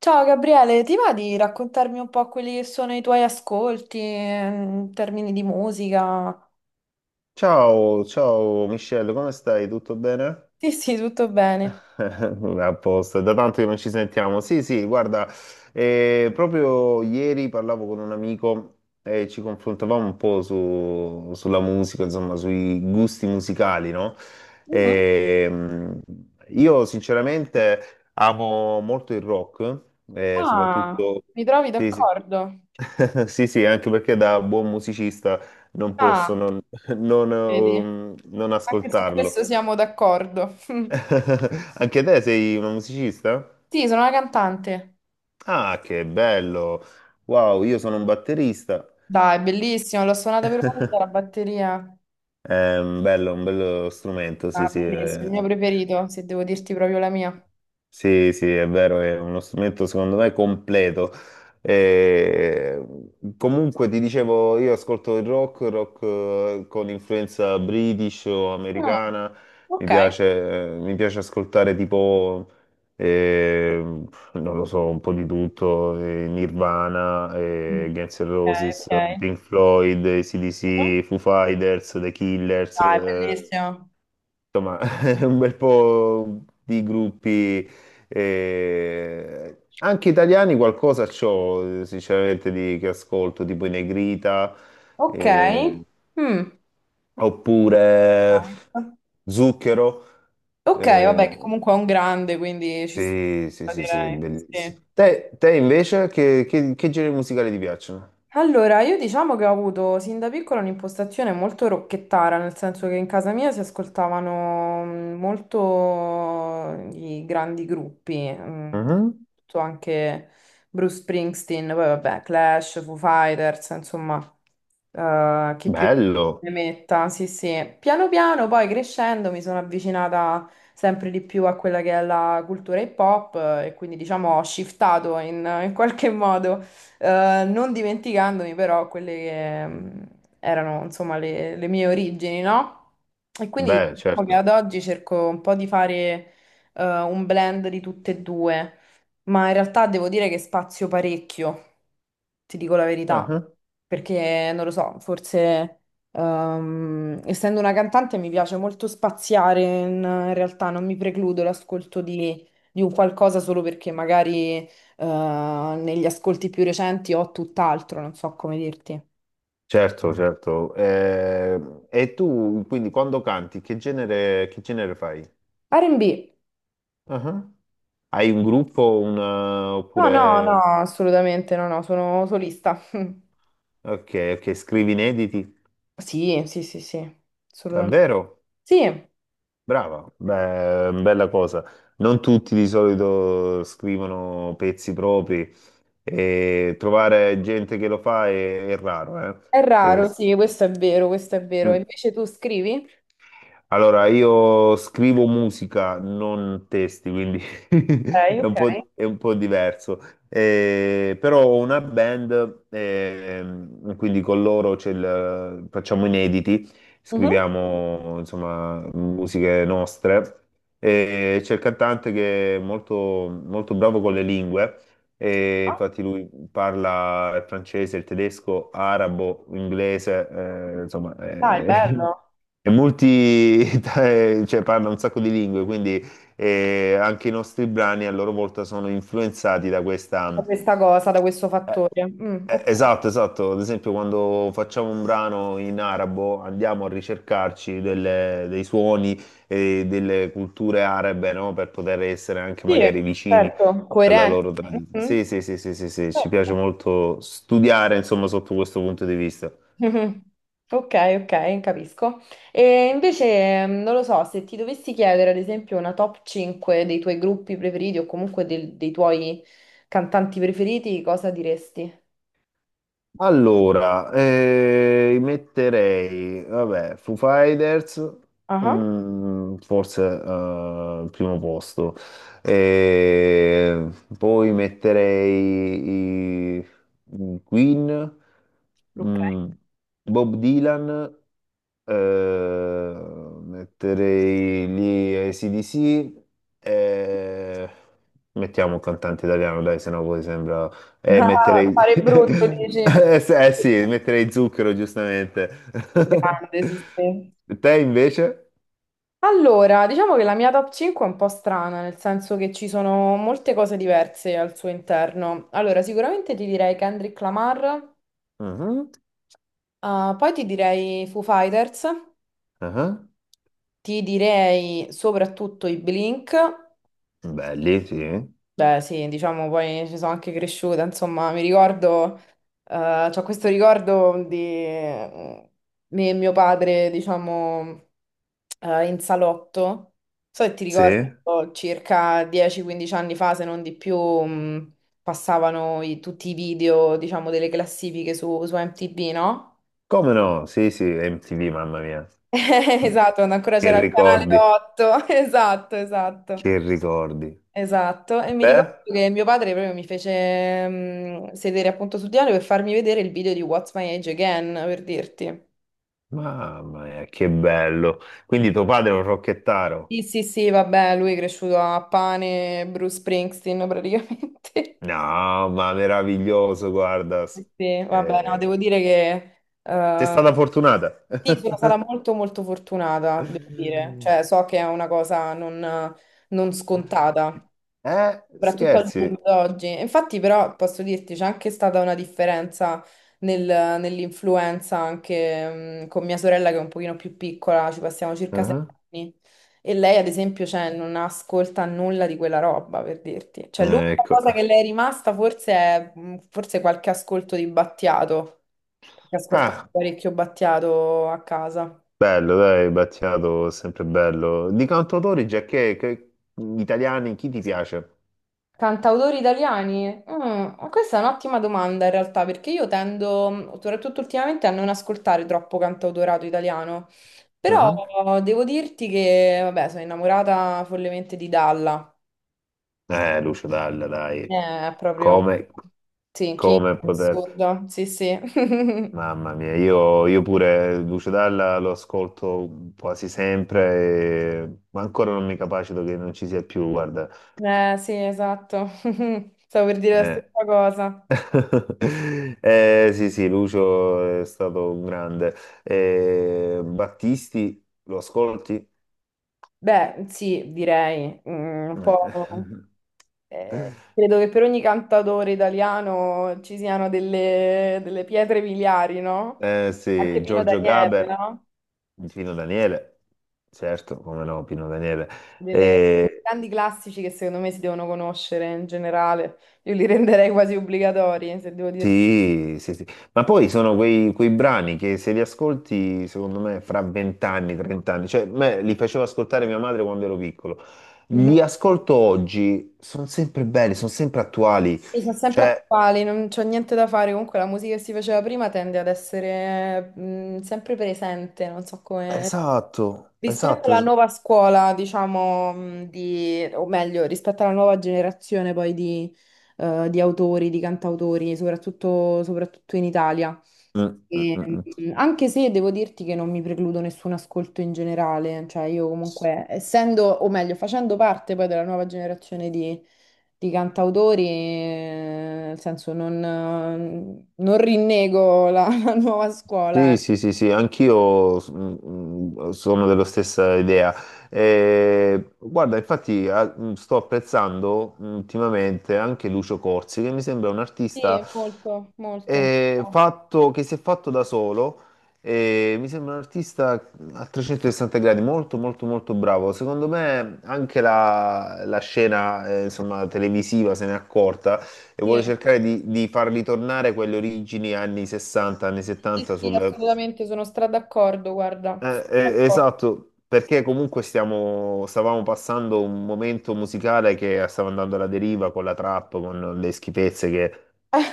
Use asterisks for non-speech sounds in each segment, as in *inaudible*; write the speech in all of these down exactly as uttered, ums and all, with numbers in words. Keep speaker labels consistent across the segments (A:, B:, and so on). A: Ciao Gabriele, ti va di raccontarmi un po' quelli che sono i tuoi ascolti eh, in termini di musica?
B: Ciao, ciao Michelle, come stai? Tutto bene?
A: Sì, sì, tutto bene.
B: A posto, è da tanto che non ci sentiamo. Sì, sì, guarda, eh, proprio ieri parlavo con un amico e ci confrontavamo un po' su- sulla musica, insomma, sui gusti musicali, no?
A: Mhm.
B: E, mh, io sinceramente amo molto il rock, eh,
A: Ah,
B: soprattutto...
A: mi trovi
B: Sì, sì.
A: d'accordo?
B: *laughs* Sì, sì, anche perché da buon musicista non posso
A: Ah,
B: non, *laughs* non,
A: vedi,
B: um, non
A: anche su questo
B: ascoltarlo.
A: siamo d'accordo.
B: *laughs* Anche te sei un musicista?
A: Sì, sono una cantante.
B: Ah, che bello! Wow, io sono un batterista.
A: Dai, bellissimo, l'ho suonata per una volta la batteria.
B: È un bello, un bello strumento, sì,
A: Ah,
B: sì.
A: bellissimo, il mio
B: eh.
A: preferito, se devo dirti proprio la mia.
B: Sì, sì, è vero, è uno strumento secondo me completo. Eh, Comunque ti dicevo, io ascolto il rock, rock eh, con influenza british o
A: Ah,
B: americana, mi
A: ok.
B: piace, eh, mi piace ascoltare tipo, eh, non lo so, un po' di tutto, eh, Nirvana, eh,
A: Mm,
B: Guns N'
A: ok,
B: Roses,
A: ok.
B: Pink Floyd,
A: Mhm.
B: A C/D C, Foo Fighters, The Killers,
A: Dai,
B: eh,
A: bellissimo.
B: insomma, *laughs* un bel po' di gruppi, eh, anche italiani qualcosa c'ho, eh, sinceramente, di, che ascolto, tipo i Negrita,
A: Ok.
B: eh,
A: Mm. Ah,
B: oppure
A: ecco.
B: Zucchero.
A: Ok, vabbè, che
B: eh,
A: comunque è un grande, quindi ci
B: sì, sì,
A: sta,
B: sì, sì,
A: direi.
B: bellissimo.
A: Sì.
B: Te, te invece, che, che, che generi musicali ti piacciono?
A: Allora, io diciamo che ho avuto sin da piccola un'impostazione molto rocchettara, nel senso che in casa mia si ascoltavano mm, molto i grandi gruppi, mm,
B: Mhm.
A: tutto anche Bruce Springsteen, poi vabbè, Clash, Foo Fighters, insomma, eh, chi più ne
B: Bello,
A: metta, sì, sì. Piano piano, poi crescendo, mi sono avvicinata sempre di più a quella che è la cultura hip hop, eh, e quindi diciamo ho shiftato in in qualche modo, eh, non dimenticandomi però quelle che mm, erano insomma le, le mie origini, no? E quindi
B: beh,
A: diciamo che ad
B: certo.
A: oggi cerco un po' di fare eh, un blend di tutte e due, ma in realtà devo dire che spazio parecchio, ti dico la verità, perché non lo so, forse ehm, essendo una cantante mi piace molto spaziare; in, in realtà non mi precludo l'ascolto di di un qualcosa solo perché magari eh, negli ascolti più recenti ho tutt'altro, non so come dirti.
B: Certo, certo. Eh, e tu, quindi, quando canti, che genere, che genere fai?
A: R and B?
B: Ah. Hai un gruppo, un, eh,
A: No, no, no,
B: oppure...
A: assolutamente no, no, sono solista. *laughs*
B: Ok, ok, scrivi inediti?
A: Sì, sì, sì, sì, assolutamente.
B: Davvero?
A: Sì, è
B: Brava, beh, bella cosa. Non tutti di solito scrivono pezzi propri e trovare gente che lo fa è, è raro, eh? Deve-
A: raro, sì, questo è vero, questo è vero.
B: Mm.
A: Invece tu scrivi?
B: Allora, io scrivo musica, non testi, quindi
A: Ok,
B: *laughs* è
A: ok.
B: un po', è un po' diverso. Eh, però ho una band, ehm, quindi con loro c'è il- facciamo inediti,
A: Mhm.
B: scriviamo insomma musiche nostre. E c'è il cantante che è molto, molto bravo con le lingue e
A: Ah,
B: infatti lui parla il francese, il tedesco, arabo, inglese, eh, insomma,
A: dai,
B: eh,
A: bello.
B: *laughs* è multi, *laughs* cioè parla un sacco di lingue, quindi eh, anche i nostri brani a loro volta sono influenzati da
A: Da
B: questa...
A: questa cosa, da questo
B: eh,
A: fattore. Mm,
B: eh,
A: ok.
B: Esatto, esatto. Ad esempio, quando facciamo un brano in arabo, andiamo a ricercarci delle- dei suoni e delle culture arabe, no? Per poter essere anche
A: Sì,
B: magari vicini
A: certo,
B: alla
A: coerente.
B: loro tradizione.
A: Mhm.
B: Sì, sì, sì, sì, sì, sì, ci piace
A: Certo.
B: molto studiare, insomma, sotto questo punto di vista.
A: Mhm. Ok, ok, capisco. E invece mm, non lo so, se ti dovessi chiedere ad esempio una top cinque dei tuoi gruppi preferiti o comunque del- dei tuoi cantanti preferiti, cosa diresti?
B: Allora, eh, metterei, vabbè, Foo Fighters,
A: Ah,
B: mm, forse eh, al primo posto. Eh, Poi metterei i, i Queen,
A: ok.
B: mm, Bob Dylan, eh, metterei lì A C/D C, eh, mettiamo un cantante italiano, dai, se no poi sembra
A: *laughs*
B: e
A: Ah,
B: metterei...
A: fare brutto,
B: *laughs*
A: dici.
B: Eh sì, eh sì, metterei Zucchero, giustamente. *laughs*
A: Grande, sì, sì.
B: Te invece?
A: Allora, diciamo che la mia top cinque è un po' strana, nel senso che ci sono molte cose diverse al suo interno. Allora, sicuramente ti direi Kendrick Lamar,
B: Mhm,
A: ah, poi ti direi Foo Fighters.
B: mhm.
A: Ti direi soprattutto i Blink,
B: Belli, sì.
A: beh sì, diciamo poi ci sono anche cresciuta, insomma mi ricordo, eh, c'ho questo ricordo di eh, me e mio padre, diciamo, eh, in salotto, so che ti
B: Sì?
A: ricordo circa dieci quindici anni fa, se non di più, mh, passavano i- tutti i video, diciamo, delle classifiche su, su M T V, no?
B: Come no? Sì, sì, M T V, mamma mia.
A: *laughs* Esatto, quando ancora c'era
B: Che
A: il canale
B: ricordi,
A: otto, *laughs* esatto, esatto.
B: che ricordi.
A: Esatto, e mi
B: Beh,
A: ricordo che mio padre proprio mi fece mm, sedere appunto sul divano per farmi vedere il video di What's My Age Again, per dirti.
B: mamma mia, che bello. Quindi tuo padre è un rocchettaro?
A: Sì, sì, sì, vabbè, lui è cresciuto a pane, Bruce Springsteen praticamente. *laughs*
B: No, ma meraviglioso, guarda.
A: Sì, sì, vabbè, no, devo
B: Eh,
A: dire che
B: sei
A: eh,
B: stata fortunata.
A: sì, sono stata molto molto fortunata, devo dire. Cioè,
B: *laughs*
A: so che è una cosa non non scontata.
B: Eh,
A: Soprattutto al
B: scherzi.
A: giorno d'oggi. Infatti, però, posso dirti, c'è anche stata una differenza nel- nell'influenza anche, mh, con mia sorella che è un pochino più piccola, ci passiamo circa sei
B: Mhm.
A: anni. E lei, ad esempio, cioè, non ascolta nulla di quella roba, per dirti. Cioè,
B: Eh,
A: l'unica
B: ecco.
A: cosa che le è rimasta forse è, mh, forse qualche ascolto di Battiato, perché ascoltava
B: Ah,
A: parecchio Battiato a casa.
B: bello, dai, Battiato, sempre bello. Di cantautori, già che, che- italiani, chi ti piace?
A: Cantautori italiani? Mm, ma questa è un'ottima domanda in realtà, perché io tendo, soprattutto ultimamente, a non ascoltare troppo cantautorato italiano.
B: Mhm.
A: Però devo dirti che, vabbè, sono innamorata follemente di Dalla.
B: Eh, Lucio Dalla, dai.
A: Eh, È proprio...
B: Come,
A: Sì, King
B: come poter...
A: assurdo. Sì, sì. *laughs*
B: Mamma mia, io, io pure Lucio Dalla lo ascolto quasi sempre, e- ma ancora non mi capacito che non ci sia più, guarda.
A: Eh, sì, esatto. *laughs* Stavo per dire la
B: Eh,
A: stessa cosa.
B: *laughs* Eh, sì, sì, Lucio è stato un grande. Eh, Battisti, lo ascolti?
A: Beh, sì, direi, mm, un po'.
B: Eh,
A: Eh, credo che per ogni cantautore italiano ci siano delle, delle pietre miliari,
B: *laughs*
A: no?
B: eh, sì,
A: Anche Pino
B: Giorgio
A: Daniele,
B: Gaber,
A: no?
B: Pino Daniele, certo, come no, Pino Daniele.
A: Delle
B: Eh,
A: grandi classici che secondo me si devono conoscere in generale. Io li *laughs* renderei quasi obbligatori, se devo dirti.
B: sì, sì, sì. Ma poi sono quei, quei brani che se li ascolti, secondo me, fra venti anni, trenta anni, cioè, me li facevo ascoltare mia madre quando ero piccolo. Li ascolto oggi, sono sempre belli, sono sempre attuali.
A: E sono sempre
B: Cioè,
A: attuali, non c'ho niente da fare. Comunque la musica che si faceva prima tende ad essere, mh, sempre presente, non so come.
B: Esatto,
A: Rispetto
B: esatto.
A: alla
B: es-
A: nuova scuola, diciamo, mh, di... o meglio, rispetto alla nuova generazione poi di, eh, di autori, di cantautori, soprattutto, soprattutto in Italia.
B: Mm, mm,
A: E,
B: mm, mm.
A: mm, anche se devo dirti che non mi precludo nessun ascolto in generale, cioè io comunque, essendo, o meglio, facendo parte poi della nuova generazione di, di cantautori, eh, nel senso non, eh, non rinnego la, *laughs* la nuova scuola.
B: Sì,
A: eh.
B: sì, sì, sì, anch'io s- mm, mm, sono della stessa idea. Eh, guarda, infatti a- mm, sto apprezzando mm, ultimamente anche Lucio Corsi, che mi sembra un
A: Sì,
B: artista
A: molto, molto.
B: eh, fatto- che si è fatto da solo. E mi sembra un artista a trecentosessanta gradi, molto, molto, molto bravo. Secondo me anche la, la scena, eh, insomma, televisiva se n'è accorta e
A: Sì,
B: vuole cercare di, di far ritornare quelle origini anni sessanta, anni
A: sì,
B: settanta
A: sì,
B: sul...
A: assolutamente sono stra d'accordo, guarda. Sono
B: Eh, eh,
A: d'accordo.
B: esatto, perché comunque stiamo, stavamo passando un momento musicale che stava andando alla deriva con la trap, con le schifezze che,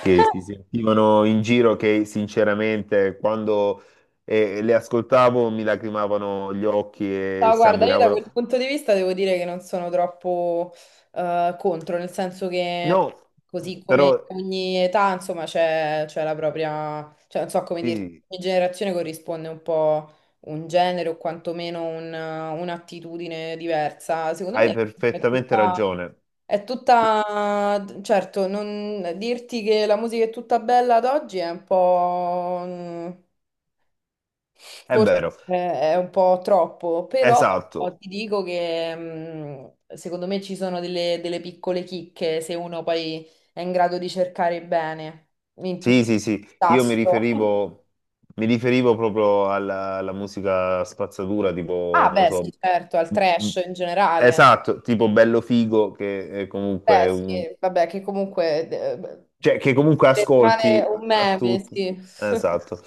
B: che si sentivano in giro, che sinceramente quando eh, le ascoltavo mi lacrimavano gli occhi e
A: No, guarda, io da quel
B: sanguinavano.
A: punto di vista devo dire che non sono troppo eh, contro, nel senso
B: No,
A: che così
B: però
A: come ogni età, insomma, c'è c'è la propria, cioè non so come
B: sì,
A: dirti,
B: sì,
A: ogni generazione corrisponde un po' un genere o quantomeno un- un'attitudine diversa. Secondo
B: hai
A: me è
B: perfettamente
A: tutta...
B: ragione.
A: È tutta, certo, non dirti che la musica è tutta bella ad oggi è un po'... mm,
B: È
A: Forse
B: vero,
A: eh, è un po' troppo, però
B: esatto.
A: ti dico che, mh, secondo me ci sono delle, delle piccole chicche se uno poi è in grado di cercare bene in tutto
B: Sì, sì, sì,
A: il
B: io mi
A: tasto. *laughs*
B: riferivo, mi riferivo proprio alla, alla musica spazzatura, tipo,
A: Ah,
B: non lo
A: beh,
B: so,
A: sì, certo, al
B: m-
A: trash in generale.
B: esatto, tipo Bello Figo, che è
A: Beh,
B: comunque
A: sì,
B: un...
A: vabbè, che comunque eh,
B: cioè, che comunque
A: beh, rimane
B: ascolti
A: un
B: a, a
A: meme,
B: tutti.
A: sì. *laughs*
B: Esatto.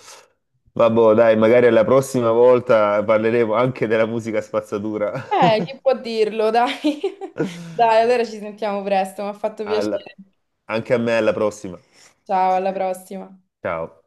B: Vabbè, dai, magari alla prossima volta parleremo anche della musica spazzatura.
A: Eh, chi
B: *laughs*
A: può dirlo, dai. *laughs* Dai, allora ci sentiamo presto, mi ha fatto
B: Alla-
A: piacere.
B: Anche a me, alla prossima.
A: Ciao, alla prossima.
B: Ciao.